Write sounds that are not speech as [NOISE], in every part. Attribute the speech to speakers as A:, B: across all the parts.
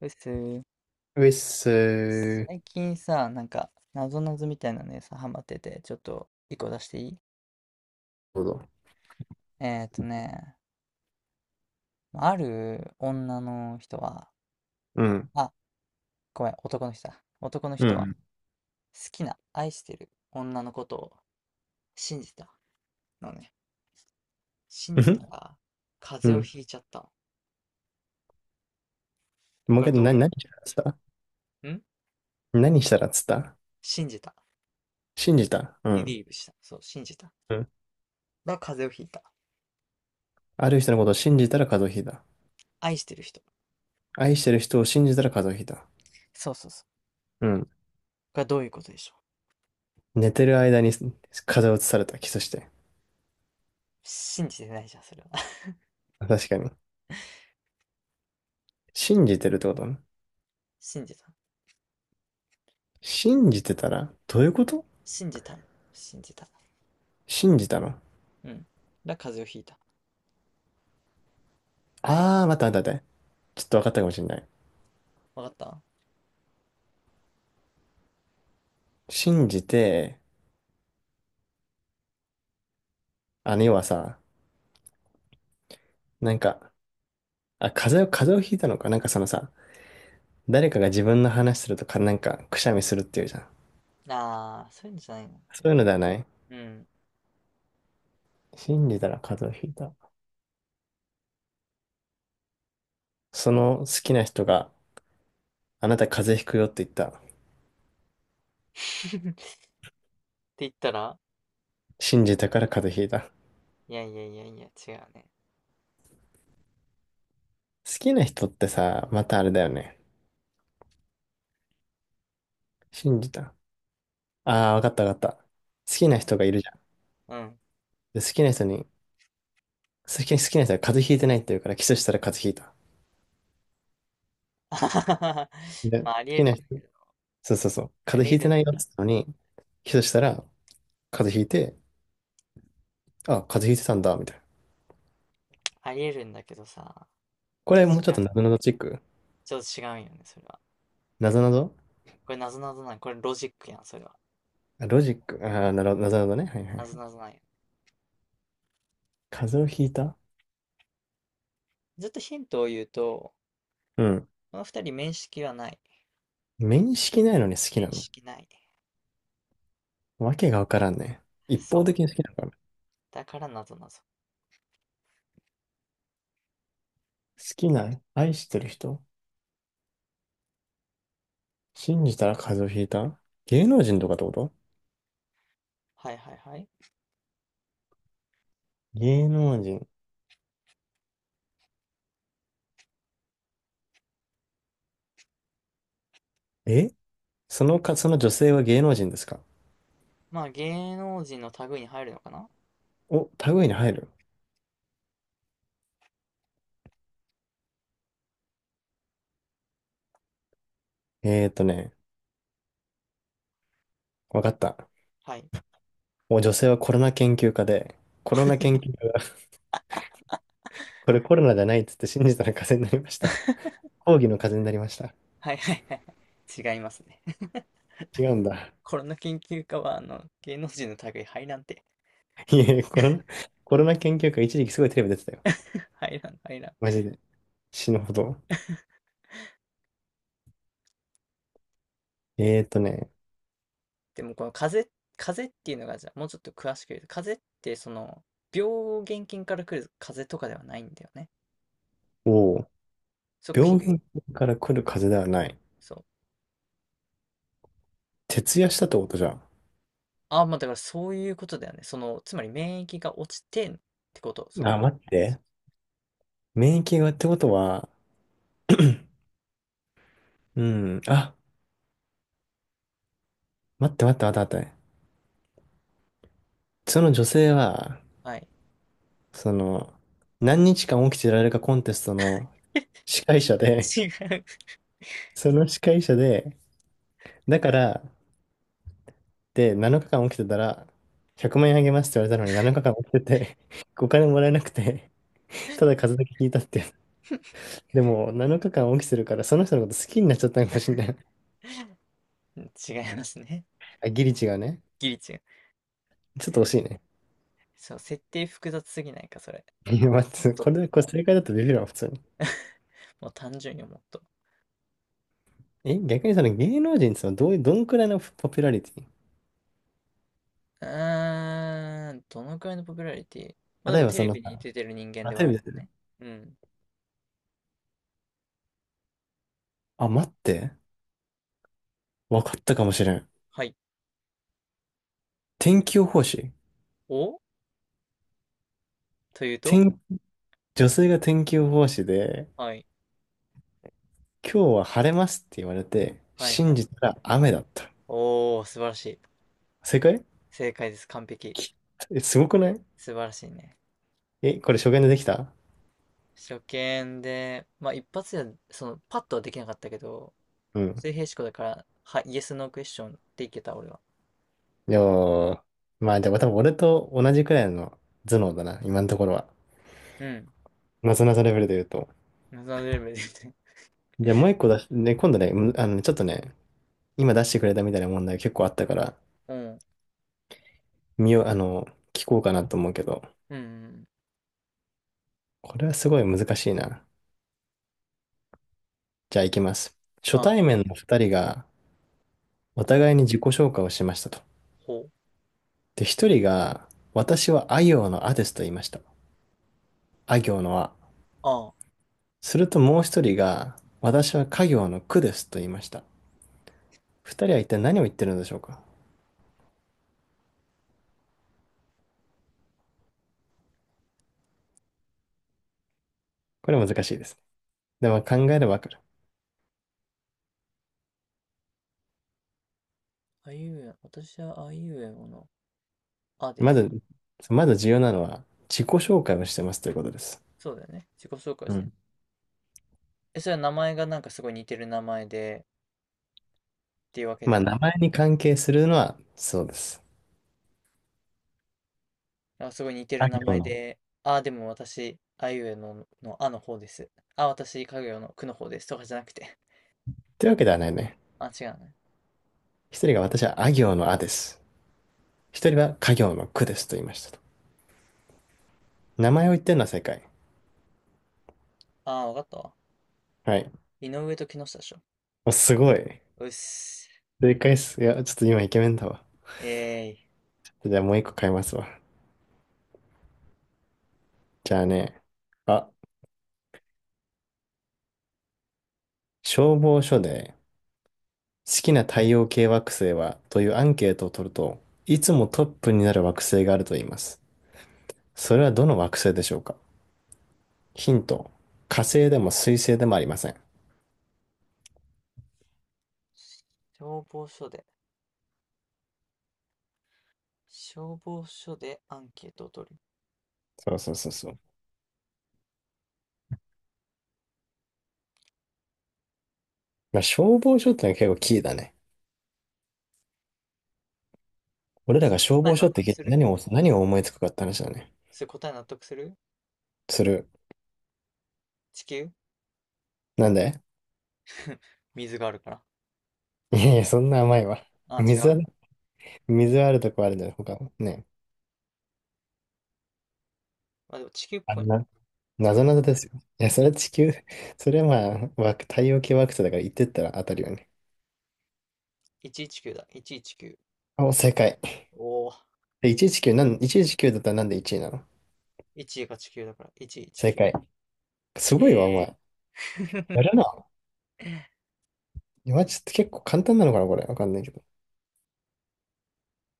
A: です。
B: ウエッスー。
A: 最近さ、なんか、なぞなぞみたいなのにさ、ハマってて、ちょっと、一個出していい？
B: そうだ。
A: えっとね、ある女の人は、
B: うん。
A: あ、ごめん、男の人だ。男の
B: う
A: 人は、好
B: ん。
A: きな、愛してる女のことを信じたのね。信
B: う
A: じた
B: ん。
A: ら、
B: う
A: 風邪を
B: ん。
A: ひいちゃったの。
B: もう一
A: これ
B: 回、
A: どういう意で
B: 何したらっつっ
A: しょ
B: た？
A: うん。
B: 何したらっつった？
A: 信じた。
B: 信じた。うん。
A: believe した。そう、信じた。だか
B: うん。
A: ら風邪をひいた。
B: ある人のことを信じたら風邪をひいた。
A: 愛してる人。
B: 愛してる人を信じたら風邪をひいた。
A: そうそうそう。
B: うん。
A: これどういうことでしょう？
B: 寝てる間に風邪をうつされた。キスして。
A: 信じてないじゃん、それは。[LAUGHS]
B: 確かに。信じてるってことね。
A: 信じた。
B: 信じてたら、どういうこと？
A: 信じたの。信じた。
B: 信じたの？
A: うん。風邪をひいた。
B: あー、待って待って待って。ちょっと分かったかもしれない。
A: わかった？
B: 信じて、要はさ、なんか、あ、風邪をひいたのか。なんかそのさ、誰かが自分の話するとか、なんか、くしゃみするっていうじゃん。
A: ああー、そういうのじゃないの。
B: そ
A: で
B: う
A: も、
B: いうのではない。
A: うん。
B: 信じたら風邪をひいた。その好きな人があなた風邪ひくよって言った。
A: [LAUGHS] って言ったら、
B: 信じたから風邪ひいた。
A: いやいやいやいや、違うね。
B: 好きな人ってさ、またあれだよね。信じた。ああ、わかったわかった。好きな
A: うん。
B: 人がいるじゃん。
A: うん。
B: で、好きな人に、好きな人が風邪ひいてないって言うからキスしたら風邪
A: [LAUGHS]
B: ひいた。で、
A: ま
B: 好
A: あ、ありえ
B: き
A: る
B: な
A: んだ
B: 人、
A: けど。
B: そうそうそう。
A: あ
B: 風
A: りえ
B: 邪ひいて
A: るん、
B: ないよって言ったのに、キスしたら風邪ひいて、あ、風邪ひいてたんだ、みたいな。
A: ありえるんだけどさ。
B: こ
A: ちょっ
B: れ
A: と
B: もうちょ
A: 違
B: っと
A: う。
B: なぞなぞチック。
A: ちょっと違うよね、それは。
B: なぞなぞ。
A: これ、なぞなぞなん。これ、ロジックやん、それは。
B: あロジック。ああ、なるほど、なるほどね。はいはいは
A: なぞ
B: い。
A: なぞなんや。
B: 風邪をひいた。
A: ずっとヒントを言うと、
B: うん。
A: この二人面識はない。
B: 面識ないのに好きな
A: 面
B: の？
A: 識ない。
B: わけがわからんね。一
A: そ
B: 方的
A: う。
B: に好きなのかな。好
A: だから、なぞなぞ。
B: きな、愛してる人、信じたら風邪をひいた。芸能人とかってこと？
A: はいはいはい。
B: 芸能人。え、そのか、その女性は芸能人ですか？
A: まあ、芸能人の類に入るのかな？
B: お、類に入る。えーとね、わかった。
A: はい。
B: お、女性はコロナ研究家で、コロナ研究
A: [LAUGHS]
B: 家が、これコロナじゃないっつって信じたら風邪になりました。抗議の風邪になりました。
A: はいはいはいはい。違いますね。[LAUGHS]
B: 違うんだ。
A: コロナ研究家は、芸能人の類入らんて。
B: いえ、コロナ、コロナ研究会一時期すごいテレビ出てたよ。
A: [LAUGHS] 入らん、入ら
B: マ
A: ん。
B: ジで。死ぬほど。えーとね、
A: でも、この風邪っていうのが、じゃあ、もうちょっと詳しく言うと、風邪って、病原菌から来る風邪とかではないんだよね。
B: おお。
A: そこひ
B: 病
A: ん
B: 原菌から来る風邪ではない。
A: そう。
B: 徹夜したってことじゃん。
A: ああ、まあ、だからそういうことだよね。つまり免疫が落ちてんってこと。
B: あ、待って。免疫がってことは、[CLEARS THROAT] うん、あ、待って待って待って待って。その女性は、
A: はい。
B: その、何日間起きてられるかコンテストの司会者
A: [LAUGHS]
B: で、
A: 違う。[LAUGHS]
B: [LAUGHS] その司会者で、だから、で、7日間起きてたら、100万円あげますって言われたのに7日間起きてて、[LAUGHS] お金もらえなくて、ただ数だけ聞いたって。[LAUGHS] でも、7日間オきするから、その人のこと好きになっちゃったのかもしれない。
A: 違いますね。
B: [LAUGHS] あ、ギリ違うね。
A: ギリ違う。
B: ちょっと惜しいね。
A: そう、設定複雑すぎないか、それ。
B: [LAUGHS] いや、
A: もっ
B: 待って
A: と、
B: これ、これ
A: も
B: 正解だとビビるわ、普通に。
A: う、もう単純にもっと。
B: え、逆にその芸能人ってそのどういう、どんくらいのポピュラリテ
A: うーん、どのくらいのポピュラリティ？まあ
B: ィ、
A: で
B: 例え
A: も
B: ば
A: テ
B: そ
A: レ
B: の
A: ビに
B: さ、
A: 出てる人間
B: あ、
A: で
B: テ
A: は
B: レ
A: あ
B: ビ
A: る
B: 出
A: よ
B: てる。
A: ね。うん。
B: あ、待って。わかったかもしれん。
A: はい。
B: 天気予報士。
A: お、というと？
B: 天、女性が天気予報士で、
A: はい。
B: 今日は晴れますって言われて、
A: はいは
B: 信
A: い。
B: じたら雨だった。
A: おー、素晴らしい。
B: 正解？
A: 正解です。完璧。
B: き、え、すごくない？
A: 素晴らしいね。
B: え、これ初見でできた？
A: 初見で、まあ一発で、パッとはできなかったけど、
B: うん。
A: 水平思考だから、イエスのクエスチョンでいけた、俺は。
B: いや、まあでも多分俺と同じくらいの頭脳だな、今のところは。
A: うん。
B: なぞなぞレベルで言うと。
A: 謎のレベルで言って。
B: じゃあもう一個出し、ね、今度ね、むあの、ちょっとね、今出してくれたみたいな問題結構あったから、
A: うん。
B: 見よう、あの、聞こうかなと思うけど、
A: うんうん。
B: これはすごい難しいな。じゃあ行きます。初
A: あ、
B: 対面の二人がお互いに自己紹介をしましたと。
A: ほ。
B: で、一人が、私はあ行のあですと言いました。あ行のあ。
A: あ、
B: するともう一人が、私は家行のくですと言いました。二人は一体何を言ってるのでしょうか？これ難しいですね。でも考えればわかる。
A: あいうえ、私はあいうえおの。あで
B: ま
A: す。
B: ず、まず重要なのは自己紹介をしてますということです。
A: そうだよね。自己紹介
B: う
A: してね。
B: ん。
A: え、それは名前がなんかすごい似てる名前でっていうわけで
B: ま
A: は
B: あ、
A: な
B: 名
A: くて、
B: 前に関係するのはそうです。
A: あ、すごい似てる
B: あ
A: 名
B: 行
A: 前
B: の。
A: で、あ、でも私、あいうえのの、あの方です。あ、私、かぐやのくの方です。とかじゃなくて。
B: というわけではないね。
A: [LAUGHS] あ、違うね。
B: 一人が私はあ行のあです。一人は家行のくですと言いましたと。名前を言ってるのは正解。
A: あ、わかったわ。
B: はい。
A: 井上と木下でしょ。
B: お、すごい。
A: うっす。
B: 正解っす。いや、ちょっと今イケメンだわ。
A: えーい。
B: じゃあもう一個変えますわ。じゃあね。あ、消防署で好きな太陽系惑星はというアンケートを取ると、いつもトップになる惑星があると言います。それはどの惑星でしょうか？ヒント、火星でも水星でもありません。
A: 消防署で、消防署でアンケートを取る。
B: そうそうそうそう。まあ、消防署ってのは結構キーだね。俺らが消
A: 答え
B: 防
A: 納
B: 署っ
A: 得
B: て聞い
A: す
B: て
A: る？
B: 何を思いつくかって話だね。
A: それ答え納得する？
B: する。
A: 地球。
B: なんで？
A: 水があるから。
B: [LAUGHS] いやいや、そんな甘いわ。
A: あ、違
B: 水は
A: う。
B: ね、水はあるとこあるんだよ、他も。ね。
A: まあでも地球っ
B: あ
A: ぽい
B: んな、な
A: な。違う。
B: ぞなぞですよ。いや、それは地球、それはまあ、惑太陽系惑星だから言ってったら当たるよね。
A: 119だ。119。
B: お、正解。
A: おお、
B: え119、なん、119だったらなんで1位なの？
A: 1が地球だから、
B: 正
A: 119。
B: 解。すごいわ、お
A: えーイ。
B: 前。や
A: [LAUGHS]
B: るな。今ちょっと結構簡単なのかな、これ。わかんないけど。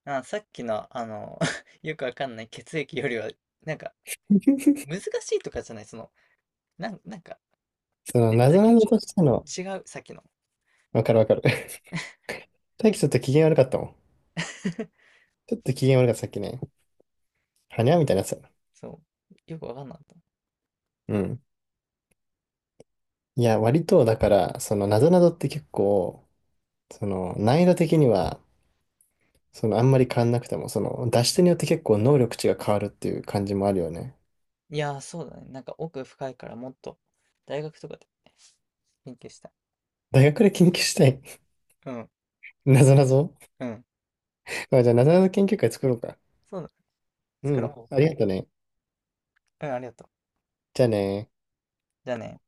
A: あ、さっきの、[LAUGHS] よくわかんない血液よりは、なんか、難しいとかじゃない、なんか、
B: その、
A: ね、
B: な
A: さっ
B: ぞ
A: き
B: な
A: の
B: ぞ
A: ちょっ
B: としての、
A: と違う、さっきの。
B: わかるわかる。[LAUGHS] 大輝ちょっと機嫌悪かったもん。
A: [LAUGHS]
B: ちょっと機嫌悪かった、さっきね。はにゃみたいなやつ。
A: そう。よくわかんなかった。
B: うん。いや、割と、だから、その、なぞなぞって結構、その、難易度的には、その、あんまり変わんなくても、その、出し手によって結構能力値が変わるっていう感じもあるよね。
A: いやー、そうだね。なんか奥深いからもっと、大学とかで勉強したい。
B: 大学で研究したい。
A: うん、
B: [LAUGHS] なぞなぞ。
A: うん。
B: まあ、じゃあ、なぞなぞ研究会作ろうか。
A: そうだね。作
B: うん。
A: ろ
B: ありがとね。
A: う。うん、ありがとう。
B: じゃあね
A: じゃあね。